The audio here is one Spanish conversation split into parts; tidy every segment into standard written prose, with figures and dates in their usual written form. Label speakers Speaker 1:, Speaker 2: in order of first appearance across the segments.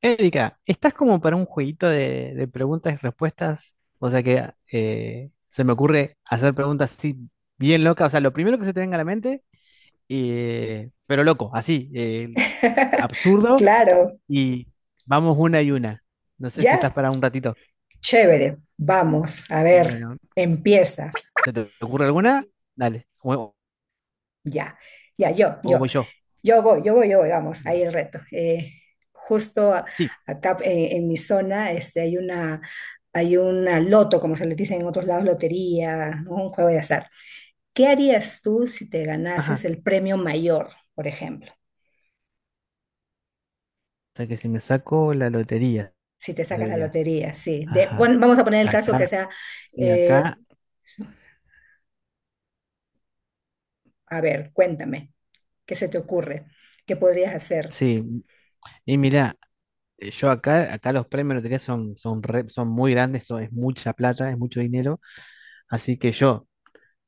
Speaker 1: Erika, ¿estás como para un jueguito de preguntas y respuestas? O sea que se me ocurre hacer preguntas así bien locas, o sea, lo primero que se te venga a la mente, pero loco, así, absurdo,
Speaker 2: Claro,
Speaker 1: y vamos una y una. No sé si estás
Speaker 2: ya,
Speaker 1: para un ratito.
Speaker 2: chévere. Vamos, a ver,
Speaker 1: Bueno,
Speaker 2: empieza.
Speaker 1: ¿se te ocurre alguna? Dale, o,
Speaker 2: Ya, ya,
Speaker 1: o voy yo.
Speaker 2: yo voy, vamos, ahí
Speaker 1: Bueno,
Speaker 2: el reto. Justo
Speaker 1: sí,
Speaker 2: acá en mi zona este, hay una loto, como se le dice en otros lados, lotería, ¿no? Un juego de azar. ¿Qué harías tú si te ganases
Speaker 1: ajá.
Speaker 2: el premio mayor, por ejemplo?
Speaker 1: O sea que si me saco la lotería,
Speaker 2: Si te sacas la
Speaker 1: sería.
Speaker 2: lotería, sí.
Speaker 1: Ajá,
Speaker 2: Bueno, vamos a poner el caso que
Speaker 1: acá,
Speaker 2: sea,
Speaker 1: sí,
Speaker 2: eh,
Speaker 1: acá,
Speaker 2: a ver, cuéntame. ¿Que se te ocurre? ¿Qué podrías hacer?
Speaker 1: sí. Y mirá. Yo acá, acá los premios de lotería son muy grandes, es mucha plata, es mucho dinero. Así que yo,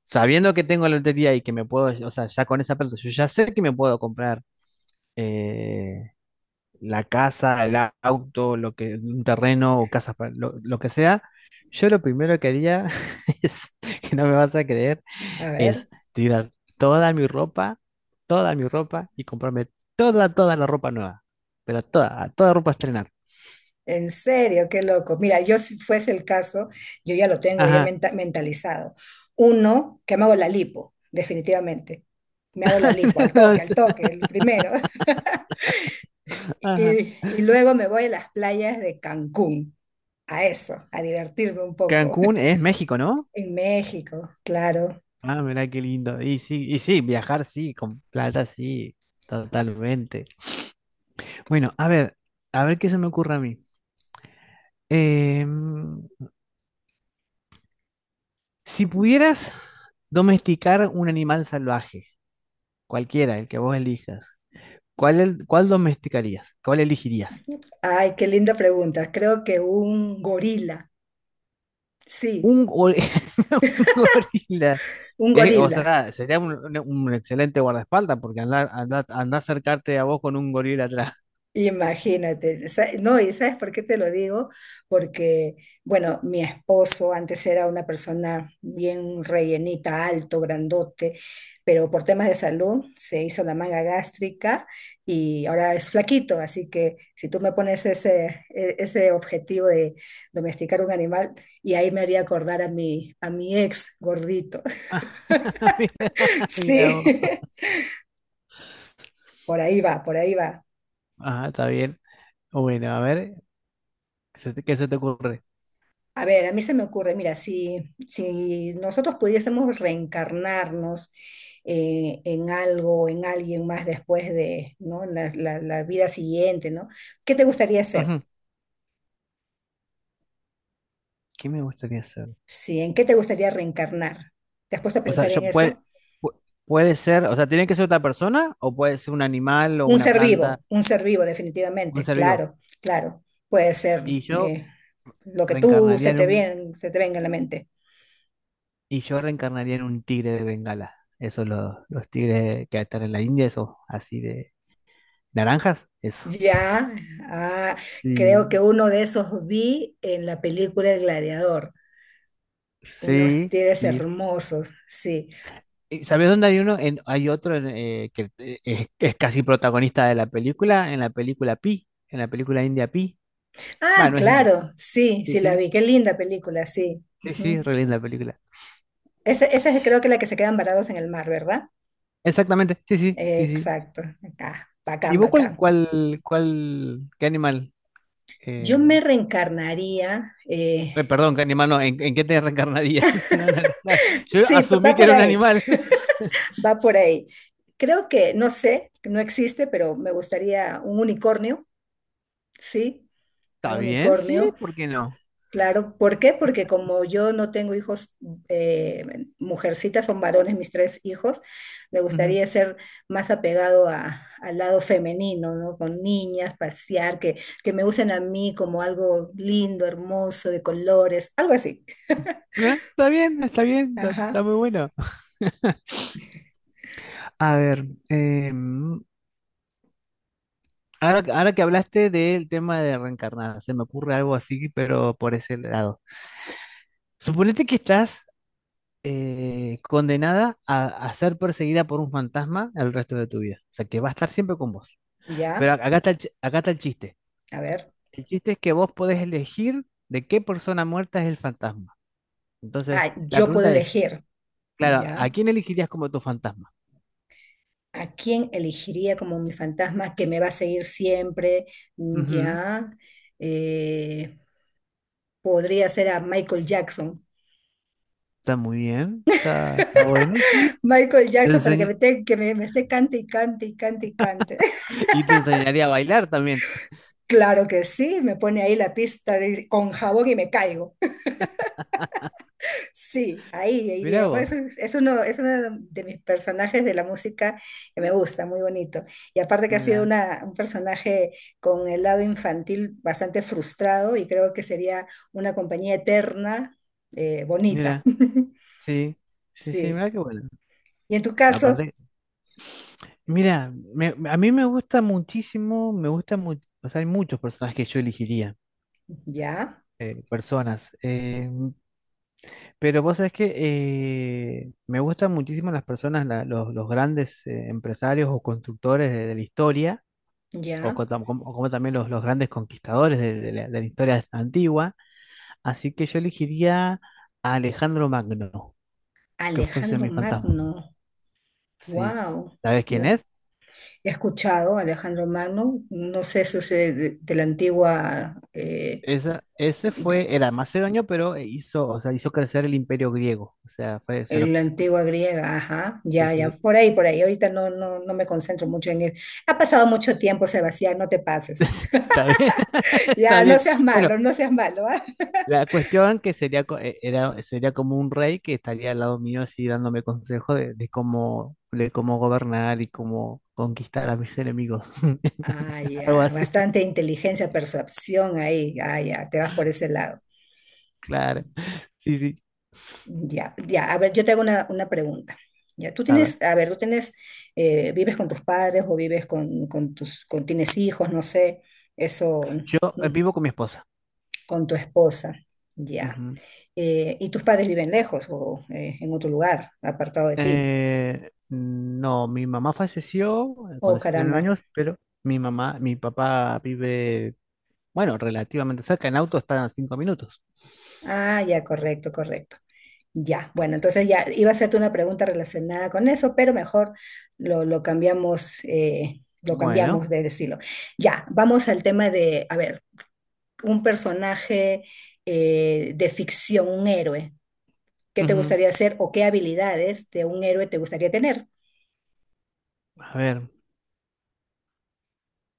Speaker 1: sabiendo que tengo la lotería y que me puedo, o sea, ya con esa plata, yo ya sé que me puedo comprar eh, la casa, el auto, lo que, un terreno o casas, lo que sea. Yo lo primero que haría es, que no me vas a creer,
Speaker 2: A ver,
Speaker 1: es tirar toda mi ropa, toda mi ropa y comprarme toda, toda la ropa nueva. Pero toda, toda ropa a estrenar.
Speaker 2: en serio, qué loco. Mira, yo si fuese el caso, yo ya lo tengo, ya
Speaker 1: Ajá.
Speaker 2: mentalizado. Uno, que me hago la lipo, definitivamente. Me hago la lipo,
Speaker 1: No
Speaker 2: al
Speaker 1: sé.
Speaker 2: toque, el primero.
Speaker 1: Ajá.
Speaker 2: Y luego me voy a las playas de Cancún, a eso, a divertirme un poco.
Speaker 1: Cancún es México, ¿no?
Speaker 2: En México, claro.
Speaker 1: Ah, mirá qué lindo. Y sí, viajar sí, con plata sí, totalmente. Bueno, a ver qué se me ocurre a mí. Em, si pudieras domesticar un animal salvaje, cualquiera, el que vos elijas, ¿cuál domesticarías? ¿Cuál elegirías?
Speaker 2: Ay, qué linda pregunta. Creo que un gorila, sí,
Speaker 1: Un, gor- un gorila.
Speaker 2: un
Speaker 1: O
Speaker 2: gorila.
Speaker 1: sea, sería un excelente guardaespaldas porque andar a acercarte a vos con un gorila atrás.
Speaker 2: Imagínate, no, y ¿sabes por qué te lo digo? Porque, bueno, mi esposo antes era una persona bien rellenita, alto, grandote, pero por temas de salud se hizo la manga gástrica y ahora es flaquito, así que si tú me pones ese objetivo de domesticar un animal, y ahí me haría acordar a a mi ex gordito.
Speaker 1: Mira, mira
Speaker 2: Sí,
Speaker 1: vos.
Speaker 2: por ahí va, por ahí va.
Speaker 1: Ajá, está bien. Bueno, a ver, ¿qué se te ocurre?
Speaker 2: A ver, a mí se me ocurre, mira, si nosotros pudiésemos reencarnarnos en algo, en alguien más después de, ¿no? En la vida siguiente, ¿no? ¿Qué te gustaría ser?
Speaker 1: Ujú, ¿qué me gustaría hacer?
Speaker 2: Sí, ¿en qué te gustaría reencarnar? ¿Te has puesto a
Speaker 1: O sea,
Speaker 2: pensar en eso?
Speaker 1: pu- puede ser, o sea, tiene que ser otra persona o puede ser un animal o una planta,
Speaker 2: Un ser vivo,
Speaker 1: un
Speaker 2: definitivamente,
Speaker 1: ser vivo.
Speaker 2: claro, claro. Puede ser
Speaker 1: Y yo
Speaker 2: lo que tú
Speaker 1: reencarnaría en un,
Speaker 2: se te venga en la mente.
Speaker 1: y yo reencarnaría en un tigre de Bengala. Esos los tigres que están en la India, esos así de naranjas, eso.
Speaker 2: Ya, ah, creo que
Speaker 1: Sí,
Speaker 2: uno de esos vi en la película El Gladiador. Unos
Speaker 1: sí,
Speaker 2: tigres
Speaker 1: sí.
Speaker 2: hermosos, sí.
Speaker 1: ¿Sabes dónde hay uno? Hay otro en, que es casi protagonista de la película, en la película Pi, en la película India Pi. Bueno,
Speaker 2: Ah,
Speaker 1: no es India.
Speaker 2: claro, sí,
Speaker 1: Sí,
Speaker 2: sí la
Speaker 1: sí,
Speaker 2: vi. Qué linda película, sí.
Speaker 1: sí,
Speaker 2: Ujú.
Speaker 1: sí, re linda película.
Speaker 2: Esa es creo que la que se quedan varados en el mar, ¿verdad?
Speaker 1: Exactamente, sí, sí, sí, sí.
Speaker 2: Exacto. Acá,
Speaker 1: ¿Y
Speaker 2: bacán,
Speaker 1: vos cuál,
Speaker 2: bacán.
Speaker 1: cuál, cuál, qué animal? eh,
Speaker 2: Yo me reencarnaría.
Speaker 1: Perdón, qué animal no, ¿en qué te reencarnarías? No, no, no, claro. Yo asumí
Speaker 2: Va
Speaker 1: que
Speaker 2: por
Speaker 1: era un
Speaker 2: ahí,
Speaker 1: animal.
Speaker 2: va por ahí. Creo que, no sé, no existe, pero me gustaría un unicornio, sí,
Speaker 1: ¿Está
Speaker 2: un
Speaker 1: bien? Sí,
Speaker 2: unicornio.
Speaker 1: ¿por qué no?
Speaker 2: Claro, ¿por qué? Porque como yo no tengo hijos, eh, mujercitas, son varones mis tres hijos, me
Speaker 1: Ujú.
Speaker 2: gustaría ser más apegado al lado femenino, ¿no? Con niñas, pasear, que me usen a mí como algo lindo, hermoso, de colores, algo así.
Speaker 1: Está bien, está bien, está,
Speaker 2: Ajá,
Speaker 1: está muy bueno. A ver, Ahora que hablaste del tema de reencarnar, se me ocurre algo así, pero por ese lado. Suponete que estás condenada a ser perseguida por un fantasma el resto de tu vida. O sea, que va a estar siempre con vos. Pero
Speaker 2: ya,
Speaker 1: acá está el chiste.
Speaker 2: a ver.
Speaker 1: El chiste es que vos podés elegir de qué persona muerta es el fantasma. Entonces,
Speaker 2: Ah,
Speaker 1: la
Speaker 2: yo puedo
Speaker 1: pregunta es,
Speaker 2: elegir,
Speaker 1: claro, ¿a
Speaker 2: ya.
Speaker 1: quién elegirías como tu fantasma?
Speaker 2: ¿A quién elegiría como mi fantasma que me va a seguir siempre?
Speaker 1: Ujú,
Speaker 2: Ya. Eh, podría ser a Michael Jackson.
Speaker 1: está muy bien, está bueno, sí.
Speaker 2: Michael
Speaker 1: Te
Speaker 2: Jackson para que
Speaker 1: enseña-
Speaker 2: me, te- que me esté cante y cante y cante y cante.
Speaker 1: y te enseñaría a bailar también.
Speaker 2: Claro que sí, me pone ahí la pista con jabón y me caigo. Sí, ahí
Speaker 1: Mirá
Speaker 2: iría. Por
Speaker 1: vos,
Speaker 2: eso es uno de mis personajes de la música que me gusta, muy bonito. Y aparte que ha sido
Speaker 1: mira.
Speaker 2: un personaje con el lado infantil bastante frustrado y creo que sería una compañía eterna, bonita.
Speaker 1: Mira, sí, sí, sí,
Speaker 2: Sí.
Speaker 1: mira qué bueno.
Speaker 2: Y en tu caso,
Speaker 1: Aparte, mira, a mí me gusta muchísimo, me gusta mucho, o sea, hay muchos personajes que yo elegiría,
Speaker 2: ya,
Speaker 1: personas, pero vos sabés que me gustan muchísimo las personas, los grandes empresarios o constructores de la historia, o, co-
Speaker 2: ya,
Speaker 1: tam- como, como también los grandes conquistadores de la historia antigua, así que yo elegiría a Alejandro Magno, que fuese
Speaker 2: Alejandro
Speaker 1: mi fantasma.
Speaker 2: Magno.
Speaker 1: Sí,
Speaker 2: Wow.
Speaker 1: ¿sabes quién es?
Speaker 2: He escuchado a Alejandro Magno, no sé eso es de la antigua,
Speaker 1: Ese fue el macedonio, pero hizo, o sea, hizo crecer el imperio griego. O sea, fue, se
Speaker 2: en
Speaker 1: lo,
Speaker 2: la
Speaker 1: que-
Speaker 2: antigua griega, ajá,
Speaker 1: sí,
Speaker 2: ya, ya,
Speaker 1: sí,
Speaker 2: por ahí, por ahí. Ahorita no, no me concentro mucho en eso. Ha pasado mucho tiempo, Sebastián, no te pases.
Speaker 1: está bien, está
Speaker 2: Ya, no
Speaker 1: bien.
Speaker 2: seas
Speaker 1: Bueno,
Speaker 2: malo, no seas malo, ¿ah?
Speaker 1: la cuestión que sería como un rey que estaría al lado mío así dándome consejos de cómo gobernar y cómo conquistar a mis enemigos.
Speaker 2: Ah,
Speaker 1: Algo
Speaker 2: ya,
Speaker 1: así,
Speaker 2: bastante inteligencia, percepción ahí, ah, ya, te vas por ese lado.
Speaker 1: claro. Sí, sí.
Speaker 2: Ya, ya, a ver, yo te hago una pregunta. Ya, tú
Speaker 1: A ver,
Speaker 2: tienes, a ver, tú tienes, vives con tus padres o vives con tus, con, tienes hijos, no sé, eso,
Speaker 1: yo
Speaker 2: mm,
Speaker 1: vivo con mi esposa.
Speaker 2: con tu esposa, ya. Y tus padres viven lejos o en otro lugar, apartado de ti.
Speaker 1: No, mi mamá falleció
Speaker 2: Oh,
Speaker 1: cuando se tenía nueve
Speaker 2: caramba.
Speaker 1: años, pero mi papá vive, bueno, relativamente cerca, en auto están a 5 minutos.
Speaker 2: Ah, ya, correcto, correcto. Ya, bueno, entonces ya iba a hacerte una pregunta relacionada con eso, pero mejor lo
Speaker 1: Bueno,
Speaker 2: cambiamos de estilo. Ya, vamos al tema de, a ver. Un personaje de ficción, ¿un héroe? ¿Qué te
Speaker 1: ujú,
Speaker 2: gustaría hacer o qué habilidades de un héroe te gustaría tener?
Speaker 1: a ver,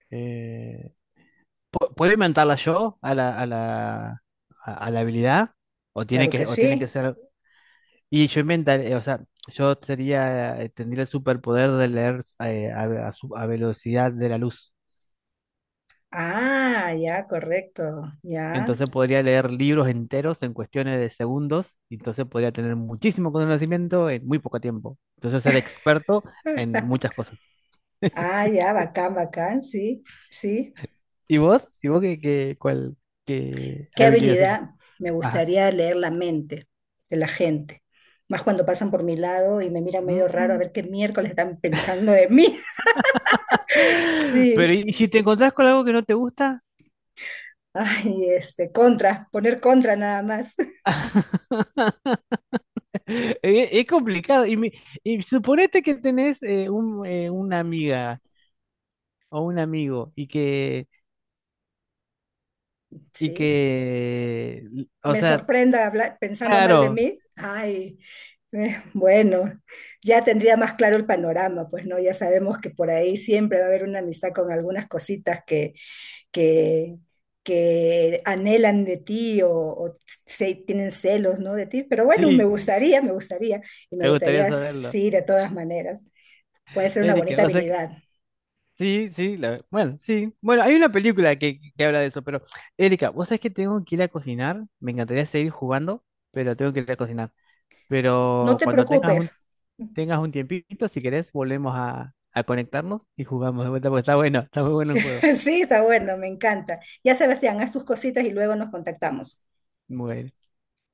Speaker 1: eh, ¿puedo inventarla yo a la habilidad? ¿O tiene
Speaker 2: Claro que
Speaker 1: que, o tiene que
Speaker 2: sí.
Speaker 1: ser... Y yo inventaré, o sea, yo sería, tendría el superpoder de leer a velocidad de la luz.
Speaker 2: Ah, ya, correcto. Ya.
Speaker 1: Entonces podría leer libros enteros en cuestiones de segundos, y entonces podría tener muchísimo conocimiento en muy poco tiempo. Entonces ser experto en muchas cosas.
Speaker 2: Ah, ya, bacán, bacán, sí, sí.
Speaker 1: ¿Y vos? ¿Y vos qué
Speaker 2: ¿Qué
Speaker 1: habilidad.
Speaker 2: habilidad me
Speaker 1: Ajá.
Speaker 2: gustaría leer la mente de la gente? Más cuando pasan por mi lado y me miran medio raro a
Speaker 1: Mm.
Speaker 2: ver qué miércoles están pensando de mí.
Speaker 1: Pero
Speaker 2: Sí.
Speaker 1: ¿y si te encontrás con algo que no te gusta?
Speaker 2: Ay, este, contra, poner contra nada más.
Speaker 1: Es, complicado. Y suponete que tenés una amiga o un amigo y que, y
Speaker 2: Sí.
Speaker 1: que, o
Speaker 2: Me
Speaker 1: sea,
Speaker 2: sorprenda pensando mal de
Speaker 1: claro,
Speaker 2: mí, ay, bueno, ya tendría más claro el panorama, pues no, ya sabemos que por ahí siempre va a haber una amistad con algunas cositas que, que anhelan de ti o se, tienen celos, ¿no? de ti, pero bueno,
Speaker 1: sí,
Speaker 2: me gustaría, y me
Speaker 1: ¿te gustaría
Speaker 2: gustaría,
Speaker 1: saberlo?
Speaker 2: sí, de todas maneras, puede ser una
Speaker 1: Erika,
Speaker 2: bonita
Speaker 1: vos sabés que...
Speaker 2: habilidad.
Speaker 1: Sí, sí, bueno, sí. Bueno, hay una película que habla de eso, pero Erika, vos sabés que tengo que ir a cocinar. Me encantaría seguir jugando, pero tengo que ir a cocinar.
Speaker 2: No
Speaker 1: Pero
Speaker 2: te
Speaker 1: cuando tengas un,
Speaker 2: preocupes.
Speaker 1: tengas un tiempito, si querés, volvemos a conectarnos y jugamos de vuelta, porque está bueno, está muy bueno el juego.
Speaker 2: Sí, está bueno, me encanta. Ya Sebastián, haz tus cositas y luego nos contactamos.
Speaker 1: Muy bueno.